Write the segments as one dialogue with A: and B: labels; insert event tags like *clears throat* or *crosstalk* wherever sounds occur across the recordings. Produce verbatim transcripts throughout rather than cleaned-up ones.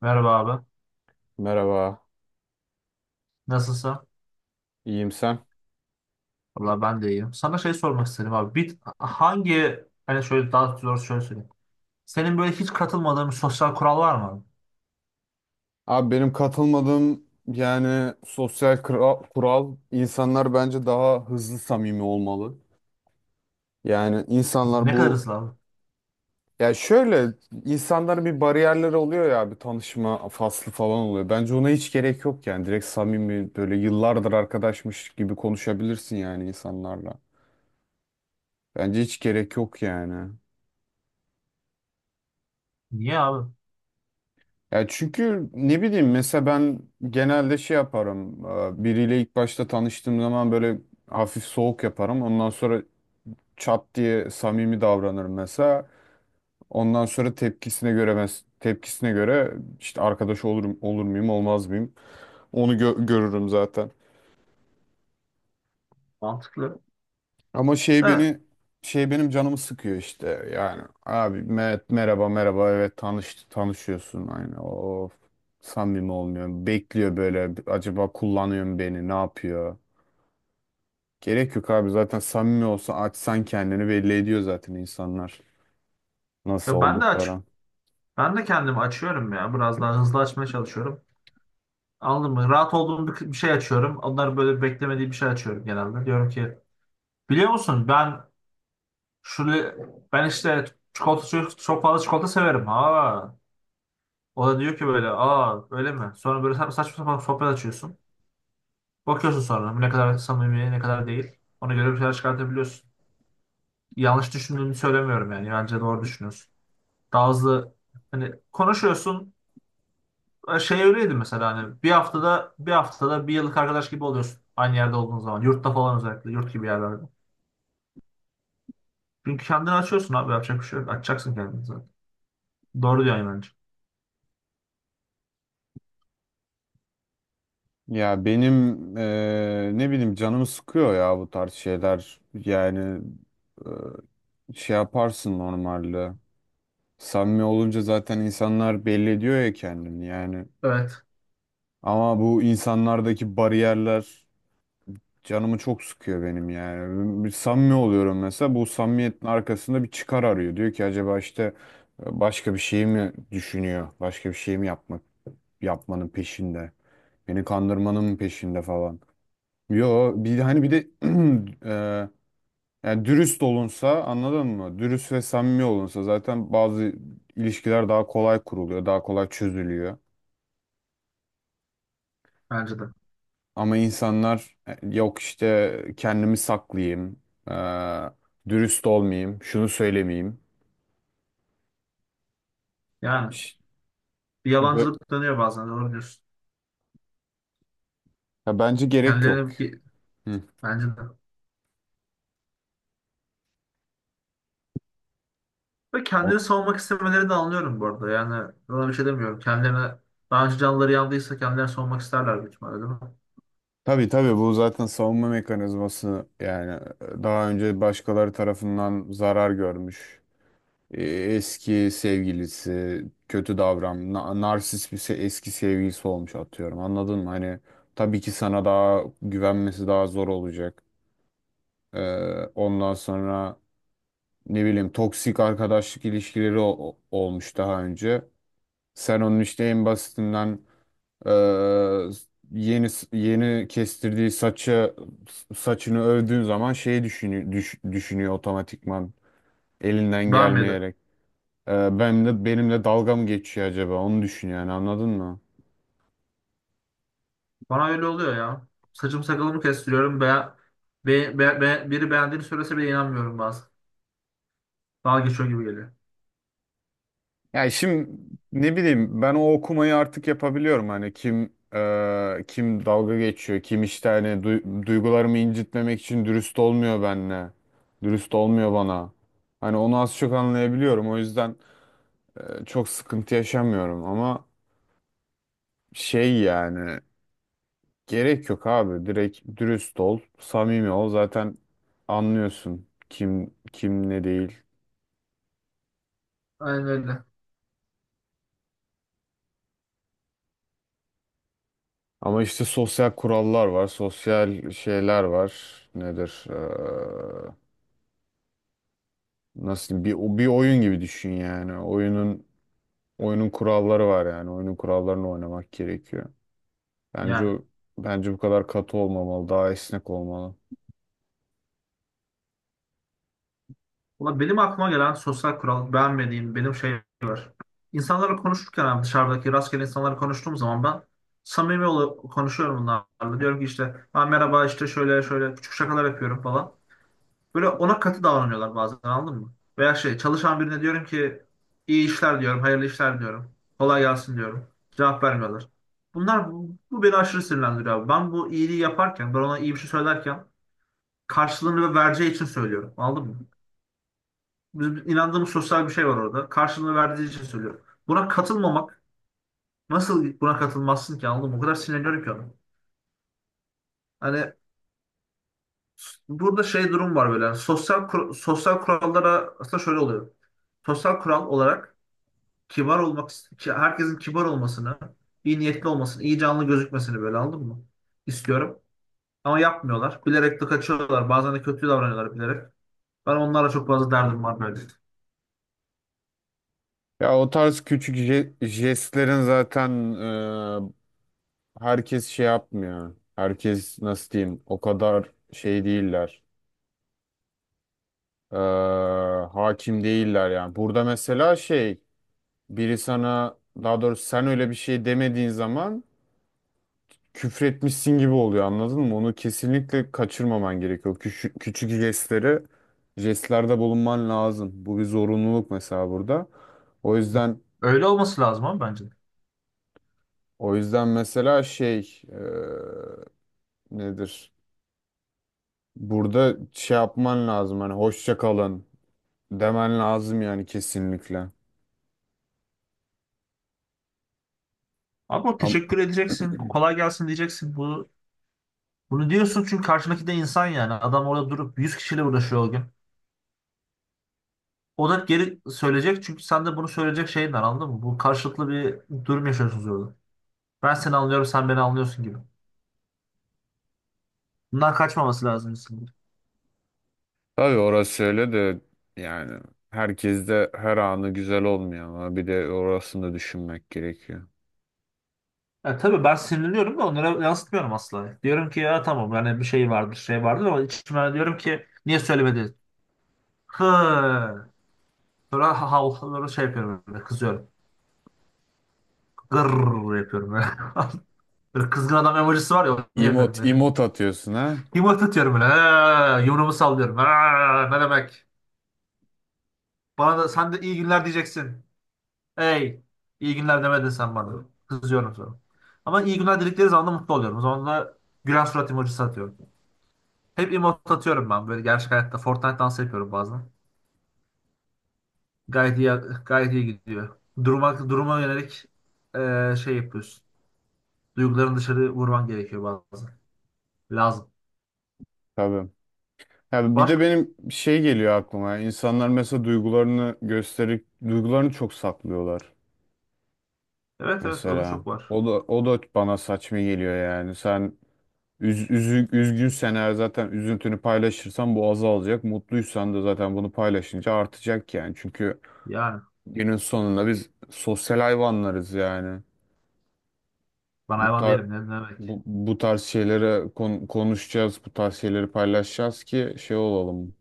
A: Merhaba abi.
B: Merhaba,
A: Nasılsın?
B: iyiyim sen.
A: Valla ben de iyiyim. Sana şey sormak istedim abi. Bir, hangi hani şöyle daha zor, şöyle söyleyeyim. Senin böyle hiç katılmadığın bir sosyal kural var mı abi?
B: Abi benim katılmadığım yani sosyal kura- kural insanlar bence daha hızlı samimi olmalı. Yani insanlar
A: Ne kadar
B: bu
A: ısrar abi?
B: ya şöyle insanların bir bariyerleri oluyor ya bir tanışma faslı falan oluyor. Bence ona hiç gerek yok yani direkt samimi böyle yıllardır arkadaşmış gibi konuşabilirsin yani insanlarla. Bence hiç gerek yok yani.
A: Niye abi?
B: Ya çünkü ne bileyim mesela ben genelde şey yaparım. e, Biriyle ilk başta tanıştığım zaman böyle hafif soğuk yaparım. Ondan sonra çat diye samimi davranırım mesela. Ondan sonra tepkisine göre mes- tepkisine göre işte arkadaş olurum olur muyum olmaz mıyım onu gö- görürüm zaten.
A: Mantıklı.
B: Ama şey
A: Evet.
B: beni şey benim canımı sıkıyor işte. Yani abi Mehmet merhaba merhaba evet tanış tanışıyorsun aynı. Of samimi olmuyor. Bekliyor böyle acaba kullanıyor mu beni ne yapıyor? Gerek yok abi zaten samimi olsa açsan kendini belli ediyor zaten insanlar nasıl
A: Ya ben de açık.
B: oldukları.
A: Ben de kendimi açıyorum ya. Biraz daha hızlı açmaya çalışıyorum. Anladın mı? Rahat olduğum bir, bir şey açıyorum. Onların böyle beklemediği bir şey açıyorum genelde. Diyorum ki biliyor musun ben şöyle, ben işte çikolata, çok, çok fazla çikolata severim. Ha. O da diyor ki böyle, aa öyle mi? Sonra böyle sa- saçma sapan sohbet açıyorsun. Bakıyorsun sonra bu ne kadar samimi, ne kadar değil. Ona göre bir şeyler çıkartabiliyorsun. Yanlış düşündüğünü söylemiyorum yani. Bence doğru düşünüyorsun. Daha hızlı hani konuşuyorsun. E, Şey öyleydi mesela, hani bir haftada bir haftada bir yıllık arkadaş gibi oluyorsun. Aynı yerde olduğun zaman. Yurtta falan özellikle. Yurt gibi yerlerde. Çünkü kendini açıyorsun abi. Yapacak bir şey yok. Açacaksın kendini zaten. Doğru diyorsun bence.
B: Ya benim eee, ne bileyim canımı sıkıyor ya bu tarz şeyler. Yani eee, şey yaparsın normalde. Samimi olunca zaten insanlar belli ediyor ya kendini yani.
A: Evet.
B: Ama bu insanlardaki bariyerler canımı çok sıkıyor benim yani. Bir samimi oluyorum mesela bu samimiyetin arkasında bir çıkar arıyor. Diyor ki acaba işte e, başka bir şey mi düşünüyor? Başka bir şey mi yapmak yapmanın peşinde? Beni kandırmanın mı peşinde falan. Yo bir hani bir de *clears throat* eee, yani dürüst olunsa anladın mı? Dürüst ve samimi olunsa zaten bazı ilişkiler daha kolay kuruluyor, daha kolay çözülüyor.
A: Bence de.
B: Ama insanlar e, yok işte kendimi saklayayım, e, dürüst olmayayım, şunu söylemeyeyim.
A: Yani
B: Ş-
A: bir
B: bö-
A: yalancılık dönüyor bazen. Doğru diyorsun.
B: Ya bence gerek yok.
A: Kendilerini bir-
B: Hı.
A: bence de. Ve
B: O-
A: kendini savunmak istemelerini de anlıyorum bu arada. Yani buna bir şey demiyorum. Kendilerine daha önce canları yandıysa kendilerini savunmak isterler büyük ihtimalle, değil mi?
B: Tabii tabii bu zaten savunma mekanizması yani e, daha önce başkaları tarafından zarar görmüş. E, Eski sevgilisi kötü davran, na- narsist bir se- eski sevgilisi olmuş atıyorum. Anladın mı? Hani tabii ki sana daha güvenmesi daha zor olacak. E, ondan sonra. Ne bileyim toksik arkadaşlık ilişkileri o- o- olmuş daha önce. Sen onun işte en basitinden e, yeni yeni kestirdiği saçı saçını övdüğün zaman şeyi düşünüyor, düş- düşünüyor otomatikman elinden
A: Beğenmedi.
B: gelmeyerek. E, ben de benimle dalga mı geçiyor acaba onu düşünüyor yani anladın mı?
A: Bana öyle oluyor ya. Saçım sakalımı kestiriyorum. Be, be, be, be- biri beğendiğini söylese bile inanmıyorum bazen. Dalga geçiyor gibi geliyor.
B: Yani şimdi ne bileyim ben o okumayı artık yapabiliyorum hani kim e, kim dalga geçiyor kim işte hani du- duygularımı incitmemek için dürüst olmuyor benimle dürüst olmuyor bana hani onu az çok anlayabiliyorum o yüzden e, çok sıkıntı yaşamıyorum ama şey yani gerek yok abi direkt dürüst ol samimi ol zaten anlıyorsun kim kim ne değil.
A: Aynen öyle.
B: Ama işte sosyal kurallar var, sosyal şeyler var. Nedir? Ee, nasıl diyeyim? bir bir oyun gibi düşün yani. Oyunun oyunun kuralları var yani. Oyunun kurallarını oynamak gerekiyor. Bence
A: Yani,
B: o bence bu kadar katı olmamalı, daha esnek olmalı.
A: ulan benim aklıma gelen sosyal kural, beğenmediğim benim şey var. İnsanlarla konuşurken abi, dışarıdaki rastgele insanlarla konuştuğum zaman ben samimi ol konuşuyorum bunlarla. Diyorum ki işte ben merhaba işte şöyle şöyle, küçük şakalar yapıyorum falan. Böyle ona katı davranıyorlar bazen, anladın mı? Veya şey, çalışan birine diyorum ki iyi işler diyorum, hayırlı işler diyorum. Kolay gelsin diyorum. Cevap vermiyorlar. Bunlar bu, bu beni aşırı sinirlendiriyor abi. Ben bu iyiliği yaparken, ben ona iyi bir şey söylerken karşılığını ve vereceği için söylüyorum. Anladın mı? Bizim inandığımız sosyal bir şey var orada. Karşılığını verdiği için söylüyorum. Buna katılmamak, nasıl buna katılmazsın ki, anladın mı? O kadar sinirleniyorum ki ona. Hani s- burada şey durum var böyle. Yani sosyal kur- sosyal kurallara aslında şöyle oluyor. Sosyal kural olarak kibar olmak, ki- herkesin kibar olmasını, iyi niyetli olmasını, iyi canlı gözükmesini, böyle anladın mı? İstiyorum. Ama yapmıyorlar. Bilerek de kaçıyorlar. Bazen de kötü davranıyorlar bilerek. Ben onlarla çok fazla derdim var böyle.
B: Ya o tarz küçük je- jestlerin zaten e, herkes şey yapmıyor. Herkes nasıl diyeyim? O kadar şey değiller. Ee, hakim değiller yani. Burada mesela şey biri sana daha doğrusu sen öyle bir şey demediğin zaman küfretmişsin gibi oluyor anladın mı? Onu kesinlikle kaçırmaman gerekiyor. Küçük, küçük jestleri jestlerde bulunman lazım. Bu bir zorunluluk mesela burada. O yüzden
A: Öyle olması lazım abi bence.
B: o yüzden mesela şey e, nedir? Burada şey yapman lazım hani hoşça kalın demen lazım yani kesinlikle.
A: Ama
B: Ama
A: teşekkür edeceksin. Kolay gelsin diyeceksin. Bunu, bunu diyorsun çünkü karşındaki de insan yani. Adam orada durup yüz kişiyle uğraşıyor o gün. O da geri söyleyecek çünkü sen de bunu söyleyecek şeyin var, anladın mı? Bu karşılıklı bir durum yaşıyorsunuz orada. Ben seni anlıyorum, sen beni anlıyorsun gibi. Bundan kaçmaması lazım.
B: tabii orası öyle de yani herkes de her anı güzel olmuyor ama bir de orasını da düşünmek gerekiyor.
A: Ya tabii ben sinirleniyorum da onlara yansıtmıyorum asla. Diyorum ki ya tamam yani, bir şey vardır, şey vardır ama içime diyorum ki, niye söylemedi? Hı. Sonra havluları şey yapıyorum böyle, kızıyorum. Gırr yapıyorum böyle. *laughs* Böyle kızgın adam emojisi var ya, onu yapıyorum
B: Emot,
A: böyle.
B: emot atıyorsun ha?
A: Yumurta atıyorum böyle. Ha, yumruğumu sallıyorum. Ha, ne demek? Bana da sen de iyi günler diyeceksin. Hey, iyi günler demedin sen bana. Kızıyorum sonra. Ama iyi günler diledikleri zaman da mutlu oluyorum. O zaman da gülen surat emojisi atıyorum. Hep emot atıyorum ben böyle gerçek hayatta. Fortnite dansı yapıyorum bazen. Gayet iyi, gayet iyi gidiyor. Duruma, duruma yönelik eee, şey yapıyorsun. Duygularını dışarı vurman gerekiyor bazen. Lazım.
B: Tabii. Ya bir de
A: Başka?
B: benim şey geliyor aklıma. İnsanlar mesela duygularını gösterip duygularını çok saklıyorlar
A: Evet evet o da
B: mesela.
A: çok var.
B: O da o da bana saçma geliyor yani. Sen üz, üzü- üzgünsen eğer zaten üzüntünü paylaşırsan bu azalacak. Mutluysan da zaten bunu paylaşınca artacak yani. Çünkü
A: Yani
B: günün sonunda biz sosyal hayvanlarız yani.
A: ben
B: Bu
A: hayvan
B: tar
A: değilim, ne ne demek.
B: bu, bu tarz şeylere kon- konuşacağız, bu tarz şeyleri paylaşacağız ki şey olalım.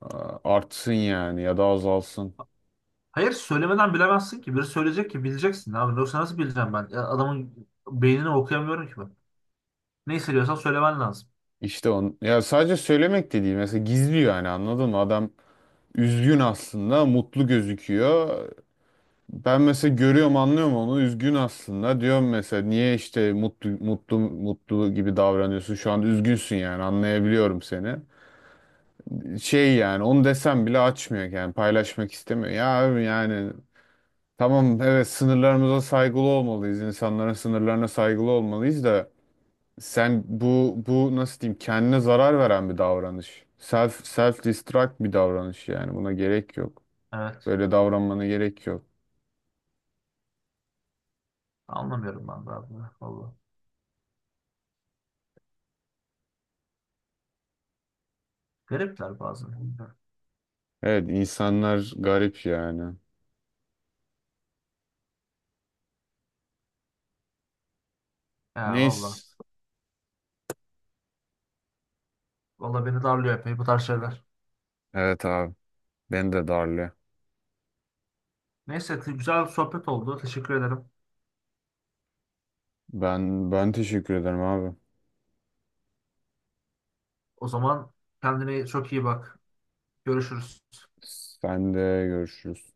B: a- Artsın yani ya da azalsın.
A: Hayır, söylemeden bilemezsin ki. Biri söyleyecek ki bileceksin abi. Yoksa nasıl bileceğim ben? Ya, adamın beynini okuyamıyorum ki ben. Ne hissediyorsan söylemen lazım.
B: İşte on ya sadece söylemek de değil. Mesela gizliyor yani anladın mı? Adam üzgün aslında, mutlu gözüküyor. Ben mesela görüyorum, anlıyorum onu. Üzgün aslında. Diyorum mesela niye işte mutlu mutlu mutlu gibi davranıyorsun? Şu an üzgünsün yani. Anlayabiliyorum seni. Şey yani onu desem bile açmıyor yani paylaşmak istemiyor. Ya abi yani tamam evet sınırlarımıza saygılı olmalıyız. İnsanların sınırlarına saygılı olmalıyız da sen bu bu nasıl diyeyim kendine zarar veren bir davranış. Self self destruct bir davranış yani buna gerek yok.
A: Evet.
B: Böyle davranmana gerek yok.
A: Anlamıyorum ben de abi. Valla. Garipler bazen.
B: Evet insanlar garip yani.
A: Ya valla.
B: Neyse.
A: Valla beni darlıyor epey bu tarz şeyler.
B: Evet abi. Ben de darlı.
A: Neyse, güzel bir sohbet oldu. Teşekkür ederim.
B: Ben ben teşekkür ederim abi.
A: O zaman kendine çok iyi bak. Görüşürüz.
B: Sen de görüşürüz.